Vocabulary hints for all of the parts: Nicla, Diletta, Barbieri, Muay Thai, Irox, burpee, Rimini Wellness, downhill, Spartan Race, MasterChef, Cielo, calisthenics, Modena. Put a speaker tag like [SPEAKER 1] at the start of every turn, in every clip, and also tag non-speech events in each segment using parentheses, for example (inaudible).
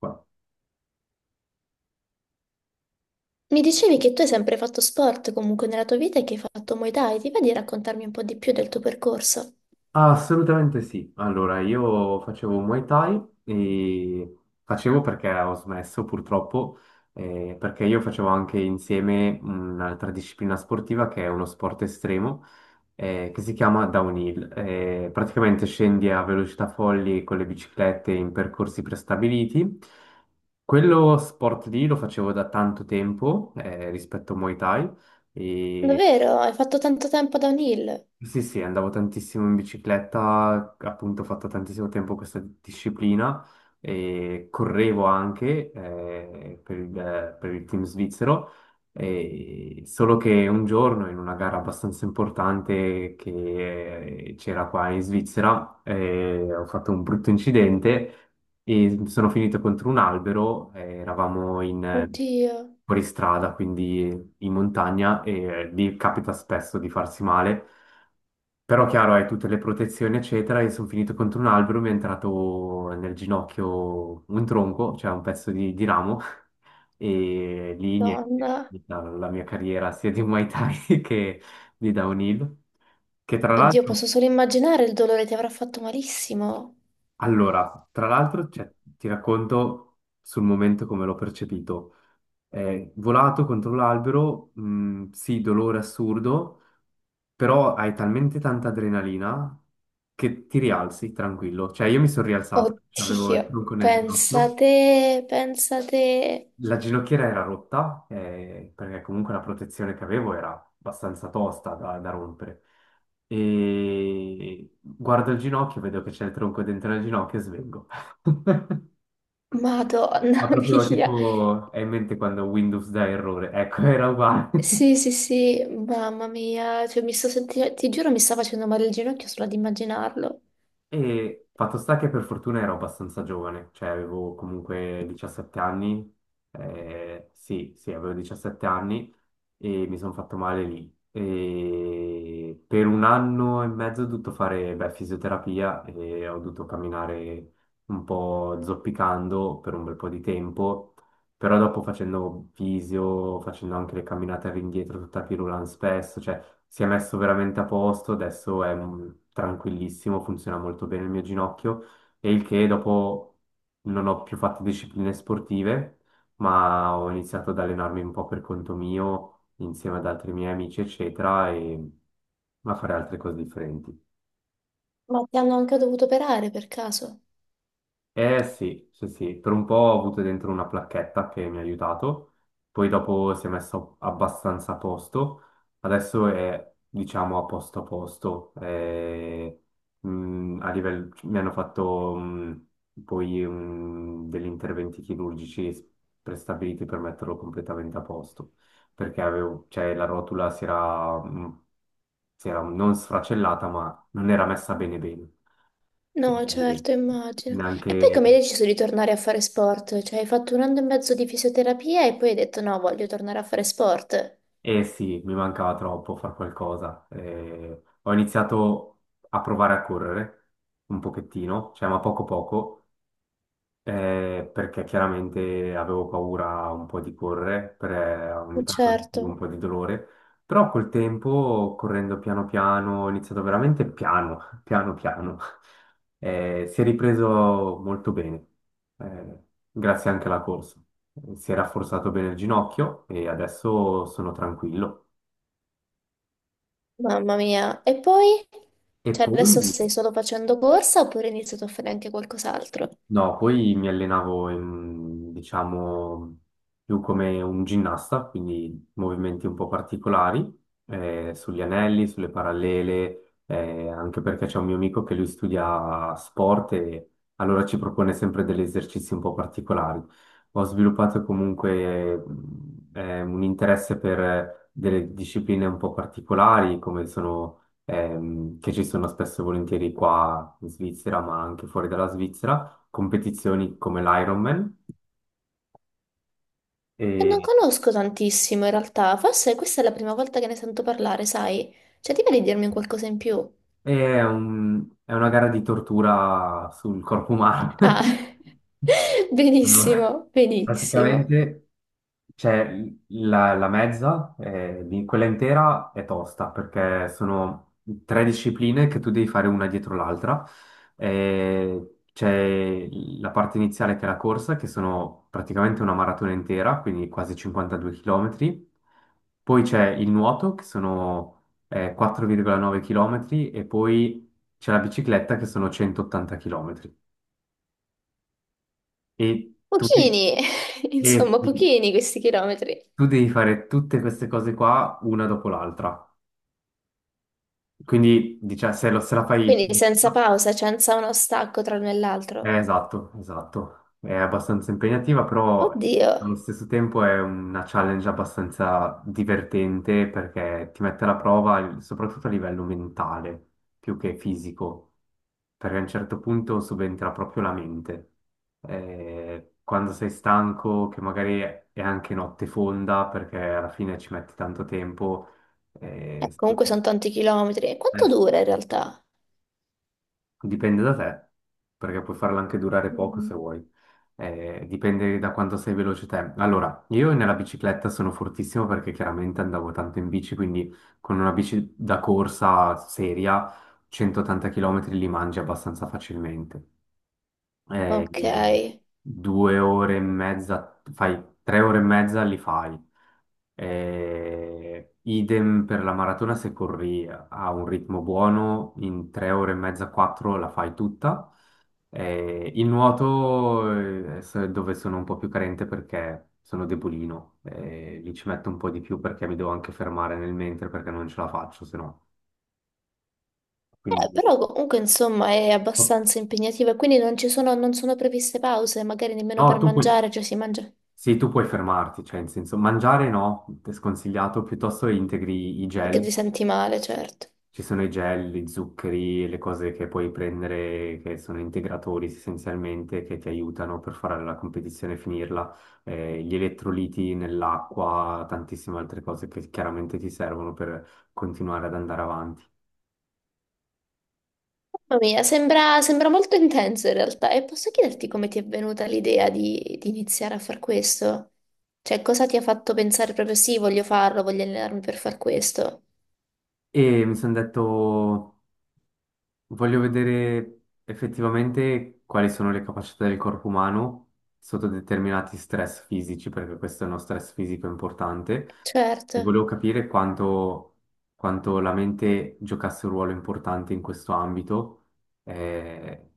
[SPEAKER 1] Qua.
[SPEAKER 2] Mi dicevi che tu hai sempre fatto sport comunque nella tua vita e che hai fatto Muay Thai. Ti va di raccontarmi un po' di più del tuo percorso?
[SPEAKER 1] Assolutamente sì. Allora, io facevo Muay Thai e facevo perché ho smesso purtroppo, perché io facevo anche insieme un'altra disciplina sportiva che è uno sport estremo, che si chiama downhill. Praticamente scendi a velocità folli con le biciclette in percorsi prestabiliti. Quello sport lì lo facevo da tanto tempo, rispetto a Muay Thai. E
[SPEAKER 2] Davvero? Hai fatto tanto tempo da un hill?
[SPEAKER 1] Sì, sì, andavo tantissimo in bicicletta, appunto ho fatto tantissimo tempo questa disciplina e correvo anche per il team svizzero, e solo che un giorno in una gara abbastanza importante che c'era qua in Svizzera ho fatto un brutto incidente e sono finito contro un albero. Eravamo in
[SPEAKER 2] Oddio,
[SPEAKER 1] fuoristrada, quindi in montagna, e lì capita spesso di farsi male. Però chiaro, hai tutte le protezioni, eccetera, e sono finito contro un albero, mi è entrato nel ginocchio un tronco, cioè un pezzo di ramo, (laughs) e lì niente,
[SPEAKER 2] donna.
[SPEAKER 1] la mia carriera sia di Muay Thai (laughs) che di downhill, che tra
[SPEAKER 2] Oddio,
[SPEAKER 1] l'altro,
[SPEAKER 2] posso solo immaginare il dolore, ti avrà fatto malissimo.
[SPEAKER 1] allora, tra l'altro, cioè, ti racconto sul momento come l'ho percepito. È volato contro l'albero, sì, dolore assurdo, però hai talmente tanta adrenalina che ti rialzi tranquillo. Cioè, io mi sono rialzato, cioè, avevo
[SPEAKER 2] Oddio,
[SPEAKER 1] il tronco nel ginocchio,
[SPEAKER 2] pensate, pensate.
[SPEAKER 1] la ginocchiera era rotta, perché comunque la protezione che avevo era abbastanza tosta da rompere. E guardo il ginocchio, vedo che c'è il tronco dentro il ginocchio e svengo. (laughs) Ma
[SPEAKER 2] Madonna (laughs)
[SPEAKER 1] proprio
[SPEAKER 2] mia.
[SPEAKER 1] tipo, è in mente quando Windows dà errore, ecco, era uguale.
[SPEAKER 2] Sì, sì, sì, mamma mia. Cioè, ti giuro, mi sta facendo male il ginocchio solo ad immaginarlo.
[SPEAKER 1] E fatto sta che per fortuna ero abbastanza giovane, cioè avevo comunque 17 anni, sì, sì, avevo 17 anni e mi sono fatto male lì. E per un anno e mezzo ho dovuto fare, beh, fisioterapia, e ho dovuto camminare un po' zoppicando per un bel po' di tempo. Però dopo facendo visio, facendo anche le camminate all'indietro, tutta pirulan spesso, cioè si è messo veramente a posto. Adesso è tranquillissimo, funziona molto bene il mio ginocchio. E il che dopo non ho più fatto discipline sportive, ma ho iniziato ad allenarmi un po' per conto mio, insieme ad altri miei amici, eccetera, e a fare altre cose differenti.
[SPEAKER 2] Ma ti hanno anche dovuto operare per caso?
[SPEAKER 1] Eh sì, sì, sì, per un po' ho avuto dentro una placchetta che mi ha aiutato, poi dopo si è messo abbastanza a posto. Adesso è diciamo a posto a posto, a livello, mi hanno fatto poi degli interventi chirurgici prestabiliti per metterlo completamente a posto, perché avevo, cioè, la rotula si era, si era non sfracellata ma non era messa bene bene.
[SPEAKER 2] No,
[SPEAKER 1] E
[SPEAKER 2] certo, immagino. E
[SPEAKER 1] neanche
[SPEAKER 2] poi come hai deciso di tornare a fare sport? Cioè, hai fatto un anno e mezzo di fisioterapia e poi hai detto no, voglio tornare a fare sport.
[SPEAKER 1] Eh sì, mi mancava troppo far qualcosa. Ho iniziato a provare a correre un pochettino, cioè ma poco poco, perché chiaramente avevo paura un po' di correre, ogni tanto
[SPEAKER 2] Certo,
[SPEAKER 1] avevo un po' di dolore, però col tempo, correndo piano piano, ho iniziato veramente piano, (laughs) piano piano, si è ripreso molto bene, eh, grazie anche alla corsa. Si è rafforzato bene il ginocchio e adesso sono tranquillo.
[SPEAKER 2] mamma mia. E poi?
[SPEAKER 1] E
[SPEAKER 2] Cioè, adesso
[SPEAKER 1] poi,
[SPEAKER 2] stai solo facendo corsa oppure hai iniziato a fare anche qualcos'altro?
[SPEAKER 1] No, poi mi allenavo in, diciamo, più come un ginnasta, quindi movimenti un po' particolari, sugli anelli, sulle parallele, anche perché c'è un mio amico che lui studia sport e allora ci propone sempre degli esercizi un po' particolari. Ho sviluppato comunque, un interesse per delle discipline un po' particolari, come sono, che ci sono spesso e volentieri qua in Svizzera, ma anche fuori dalla Svizzera, competizioni come l'Ironman,
[SPEAKER 2] E non
[SPEAKER 1] e,
[SPEAKER 2] conosco tantissimo in realtà, forse questa è la prima volta che ne sento parlare, sai? Cioè, ti va di dirmi un qualcosa in più?
[SPEAKER 1] e è una gara di tortura sul corpo umano.
[SPEAKER 2] Ah,
[SPEAKER 1] (laughs)
[SPEAKER 2] (laughs)
[SPEAKER 1] Allora,
[SPEAKER 2] benissimo, benissimo.
[SPEAKER 1] praticamente c'è la mezza, quella intera è tosta perché sono tre discipline che tu devi fare una dietro l'altra. C'è la parte iniziale che è la corsa, che sono praticamente una maratona intera, quindi quasi 52 km. Poi c'è il nuoto, che sono 4,9 km, e poi c'è la bicicletta, che sono 180 km. E tutti...
[SPEAKER 2] Pochini, (laughs) insomma, pochini questi chilometri.
[SPEAKER 1] tu devi fare tutte queste cose qua una dopo l'altra. Quindi, diciamo, se la fai...
[SPEAKER 2] Quindi senza pausa, senza uno stacco tra l'uno e l'altro.
[SPEAKER 1] Esatto, esatto. È abbastanza impegnativa, però
[SPEAKER 2] Oddio.
[SPEAKER 1] allo stesso tempo è una challenge abbastanza divertente perché ti mette alla prova, soprattutto a livello mentale, più che fisico, perché a un certo punto subentra proprio la mente. Quando sei stanco, che magari è anche notte fonda, perché alla fine ci metti tanto tempo, sì.
[SPEAKER 2] Comunque sono tanti chilometri. E
[SPEAKER 1] Eh,
[SPEAKER 2] quanto dura in realtà?
[SPEAKER 1] Dipende da te, perché puoi farla anche durare poco se
[SPEAKER 2] Mm.
[SPEAKER 1] vuoi. Dipende da quanto sei veloce te. Allora, io nella bicicletta sono fortissimo perché chiaramente andavo tanto in bici, quindi con una bici da corsa seria, 180 km li mangi abbastanza facilmente.
[SPEAKER 2] Ok.
[SPEAKER 1] In 2 ore e mezza, fai 3 ore e mezza li fai. Idem per la maratona, se corri a un ritmo buono, in 3 ore e mezza, quattro la fai tutta. Il nuoto è dove sono un po' più carente perché sono debolino, lì ci metto un po' di più perché mi devo anche fermare nel mentre perché non ce la faccio, se no. Quindi,
[SPEAKER 2] Però comunque insomma è
[SPEAKER 1] no,
[SPEAKER 2] abbastanza impegnativa, quindi non sono previste pause, magari nemmeno
[SPEAKER 1] no,
[SPEAKER 2] per
[SPEAKER 1] tu puoi,
[SPEAKER 2] mangiare, cioè si mangia
[SPEAKER 1] sì, tu puoi fermarti, cioè in senso mangiare no, è sconsigliato, piuttosto integri i
[SPEAKER 2] perché
[SPEAKER 1] gel.
[SPEAKER 2] ti senti male, certo.
[SPEAKER 1] Ci sono i gel, gli zuccheri, le cose che puoi prendere che sono integratori essenzialmente che ti aiutano per fare la competizione e finirla, gli elettroliti nell'acqua, tantissime altre cose che chiaramente ti servono per continuare ad andare avanti.
[SPEAKER 2] Mamma mia, sembra molto intenso in realtà. E posso chiederti come ti è venuta l'idea di iniziare a far questo? Cioè, cosa ti ha fatto pensare proprio sì, voglio farlo, voglio allenarmi per far questo?
[SPEAKER 1] E mi sono detto: voglio vedere effettivamente quali sono le capacità del corpo umano sotto determinati stress fisici, perché questo è uno stress fisico importante, e
[SPEAKER 2] Certo,
[SPEAKER 1] volevo capire quanto, la mente giocasse un ruolo importante in questo ambito, eh,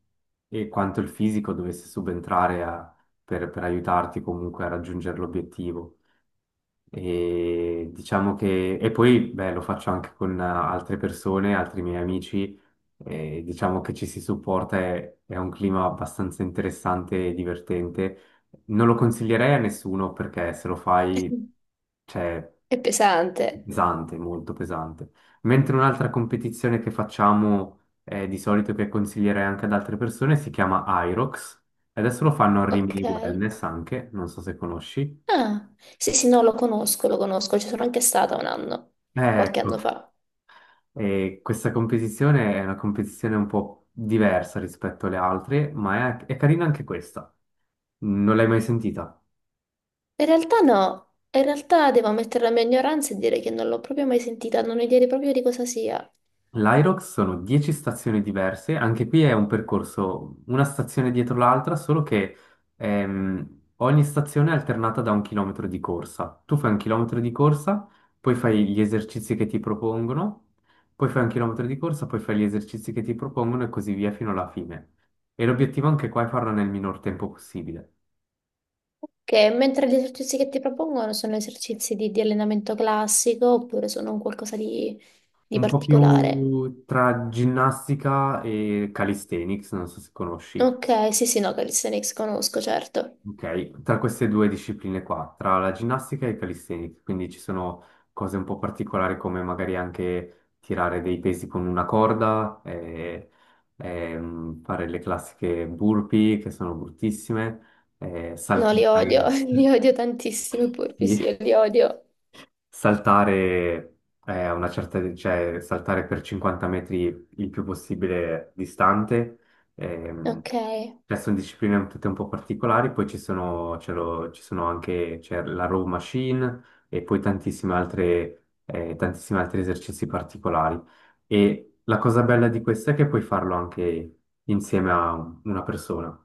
[SPEAKER 1] e quanto il fisico dovesse subentrare per aiutarti comunque a raggiungere l'obiettivo. E diciamo che, e poi beh, lo faccio anche con altre persone, altri miei amici, e diciamo che ci si supporta, è un clima abbastanza interessante e divertente. Non lo consiglierei a nessuno perché se lo fai, cioè,
[SPEAKER 2] è pesante.
[SPEAKER 1] pesante, molto pesante. Mentre un'altra competizione che facciamo, di solito, che consiglierei anche ad altre persone, si chiama Irox. Adesso lo fanno a
[SPEAKER 2] Ok.
[SPEAKER 1] Rimini Wellness anche, non so se conosci.
[SPEAKER 2] Ah, sì, sì, no, lo conosco, ci sono anche stata un anno,
[SPEAKER 1] Eh,
[SPEAKER 2] qualche
[SPEAKER 1] Ecco.
[SPEAKER 2] anno fa.
[SPEAKER 1] E questa competizione è una competizione un po' diversa rispetto alle altre, ma è carina anche questa. Non l'hai mai sentita?
[SPEAKER 2] In realtà no, in realtà devo ammettere la mia ignoranza e dire che non l'ho proprio mai sentita, non ho idea proprio di cosa sia.
[SPEAKER 1] L'Irox sono 10 stazioni diverse, anche qui è un percorso, una stazione dietro l'altra, solo che ogni stazione è alternata da un chilometro di corsa. Tu fai un chilometro di corsa, poi fai gli esercizi che ti propongono, poi fai un chilometro di corsa, poi fai gli esercizi che ti propongono, e così via fino alla fine. E l'obiettivo anche qua è farlo nel minor tempo possibile.
[SPEAKER 2] Ok, mentre gli esercizi che ti propongono sono esercizi di allenamento classico oppure sono un qualcosa di
[SPEAKER 1] Un po'
[SPEAKER 2] particolare?
[SPEAKER 1] più tra ginnastica e calisthenics, non so se conosci.
[SPEAKER 2] Ok, sì, sì, no, calisthenics conosco, certo.
[SPEAKER 1] Ok, tra queste due discipline qua, tra la ginnastica e il calisthenics, quindi ci sono cose un po' particolari come magari anche tirare dei pesi con una corda, fare le classiche burpee che sono bruttissime,
[SPEAKER 2] No, li odio,
[SPEAKER 1] saltare,
[SPEAKER 2] (laughs) li odio tantissimo, i
[SPEAKER 1] (laughs)
[SPEAKER 2] polpi, sì, io
[SPEAKER 1] sì,
[SPEAKER 2] li odio.
[SPEAKER 1] saltare a una certa, cioè saltare per 50 metri il più possibile distante. Ehm,
[SPEAKER 2] Ok.
[SPEAKER 1] cioè, sono discipline tutte un po' particolari, poi ci sono, ci sono anche, c'è la row machine e poi tantissime altre, tantissimi altri esercizi particolari. E la cosa bella di questo è che puoi farlo anche insieme a una persona.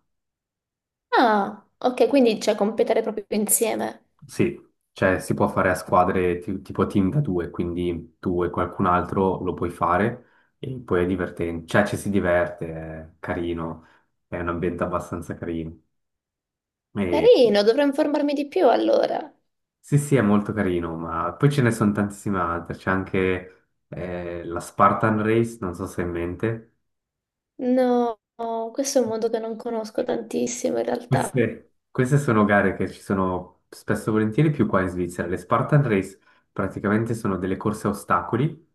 [SPEAKER 2] Ah, ok, quindi cioè competere proprio insieme.
[SPEAKER 1] Sì, cioè si può fare a squadre, tipo team da due, quindi tu e qualcun altro lo puoi fare, e poi è divertente, cioè ci si diverte, è carino, è un ambiente abbastanza carino. E-
[SPEAKER 2] Carino, dovrò informarmi di più allora.
[SPEAKER 1] Sì, sì, è molto carino, ma poi ce ne sono tantissime altre, c'è anche la Spartan Race, non so se hai in mente.
[SPEAKER 2] No, questo è un mondo che non conosco tantissimo in realtà.
[SPEAKER 1] Queste sono gare che ci sono spesso e volentieri più qua in Svizzera. Le Spartan Race praticamente sono delle corse a ostacoli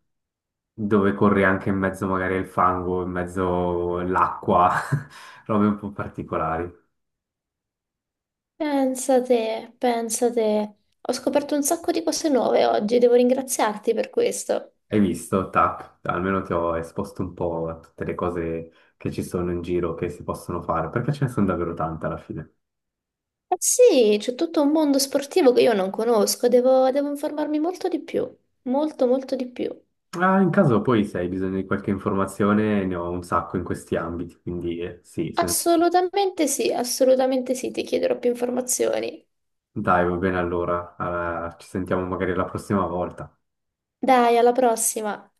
[SPEAKER 1] dove corri anche in mezzo magari al fango, in mezzo all'acqua, (laughs) robe un po' particolari.
[SPEAKER 2] Pensa te, pensa te. Ho scoperto un sacco di cose nuove oggi, devo ringraziarti per questo.
[SPEAKER 1] Hai visto? Tac, almeno ti ho esposto un po' a tutte le cose che ci sono in giro, che si possono fare, perché ce ne sono davvero tante alla fine.
[SPEAKER 2] Eh sì, c'è tutto un mondo sportivo che io non conosco, devo informarmi molto di più, molto molto di più.
[SPEAKER 1] Ah, in caso poi se hai bisogno di qualche informazione, ne ho un sacco in questi ambiti, quindi sì,
[SPEAKER 2] Assolutamente sì, ti chiederò più informazioni.
[SPEAKER 1] dai, va bene allora. Ah, ci sentiamo magari la prossima volta.
[SPEAKER 2] Dai, alla prossima!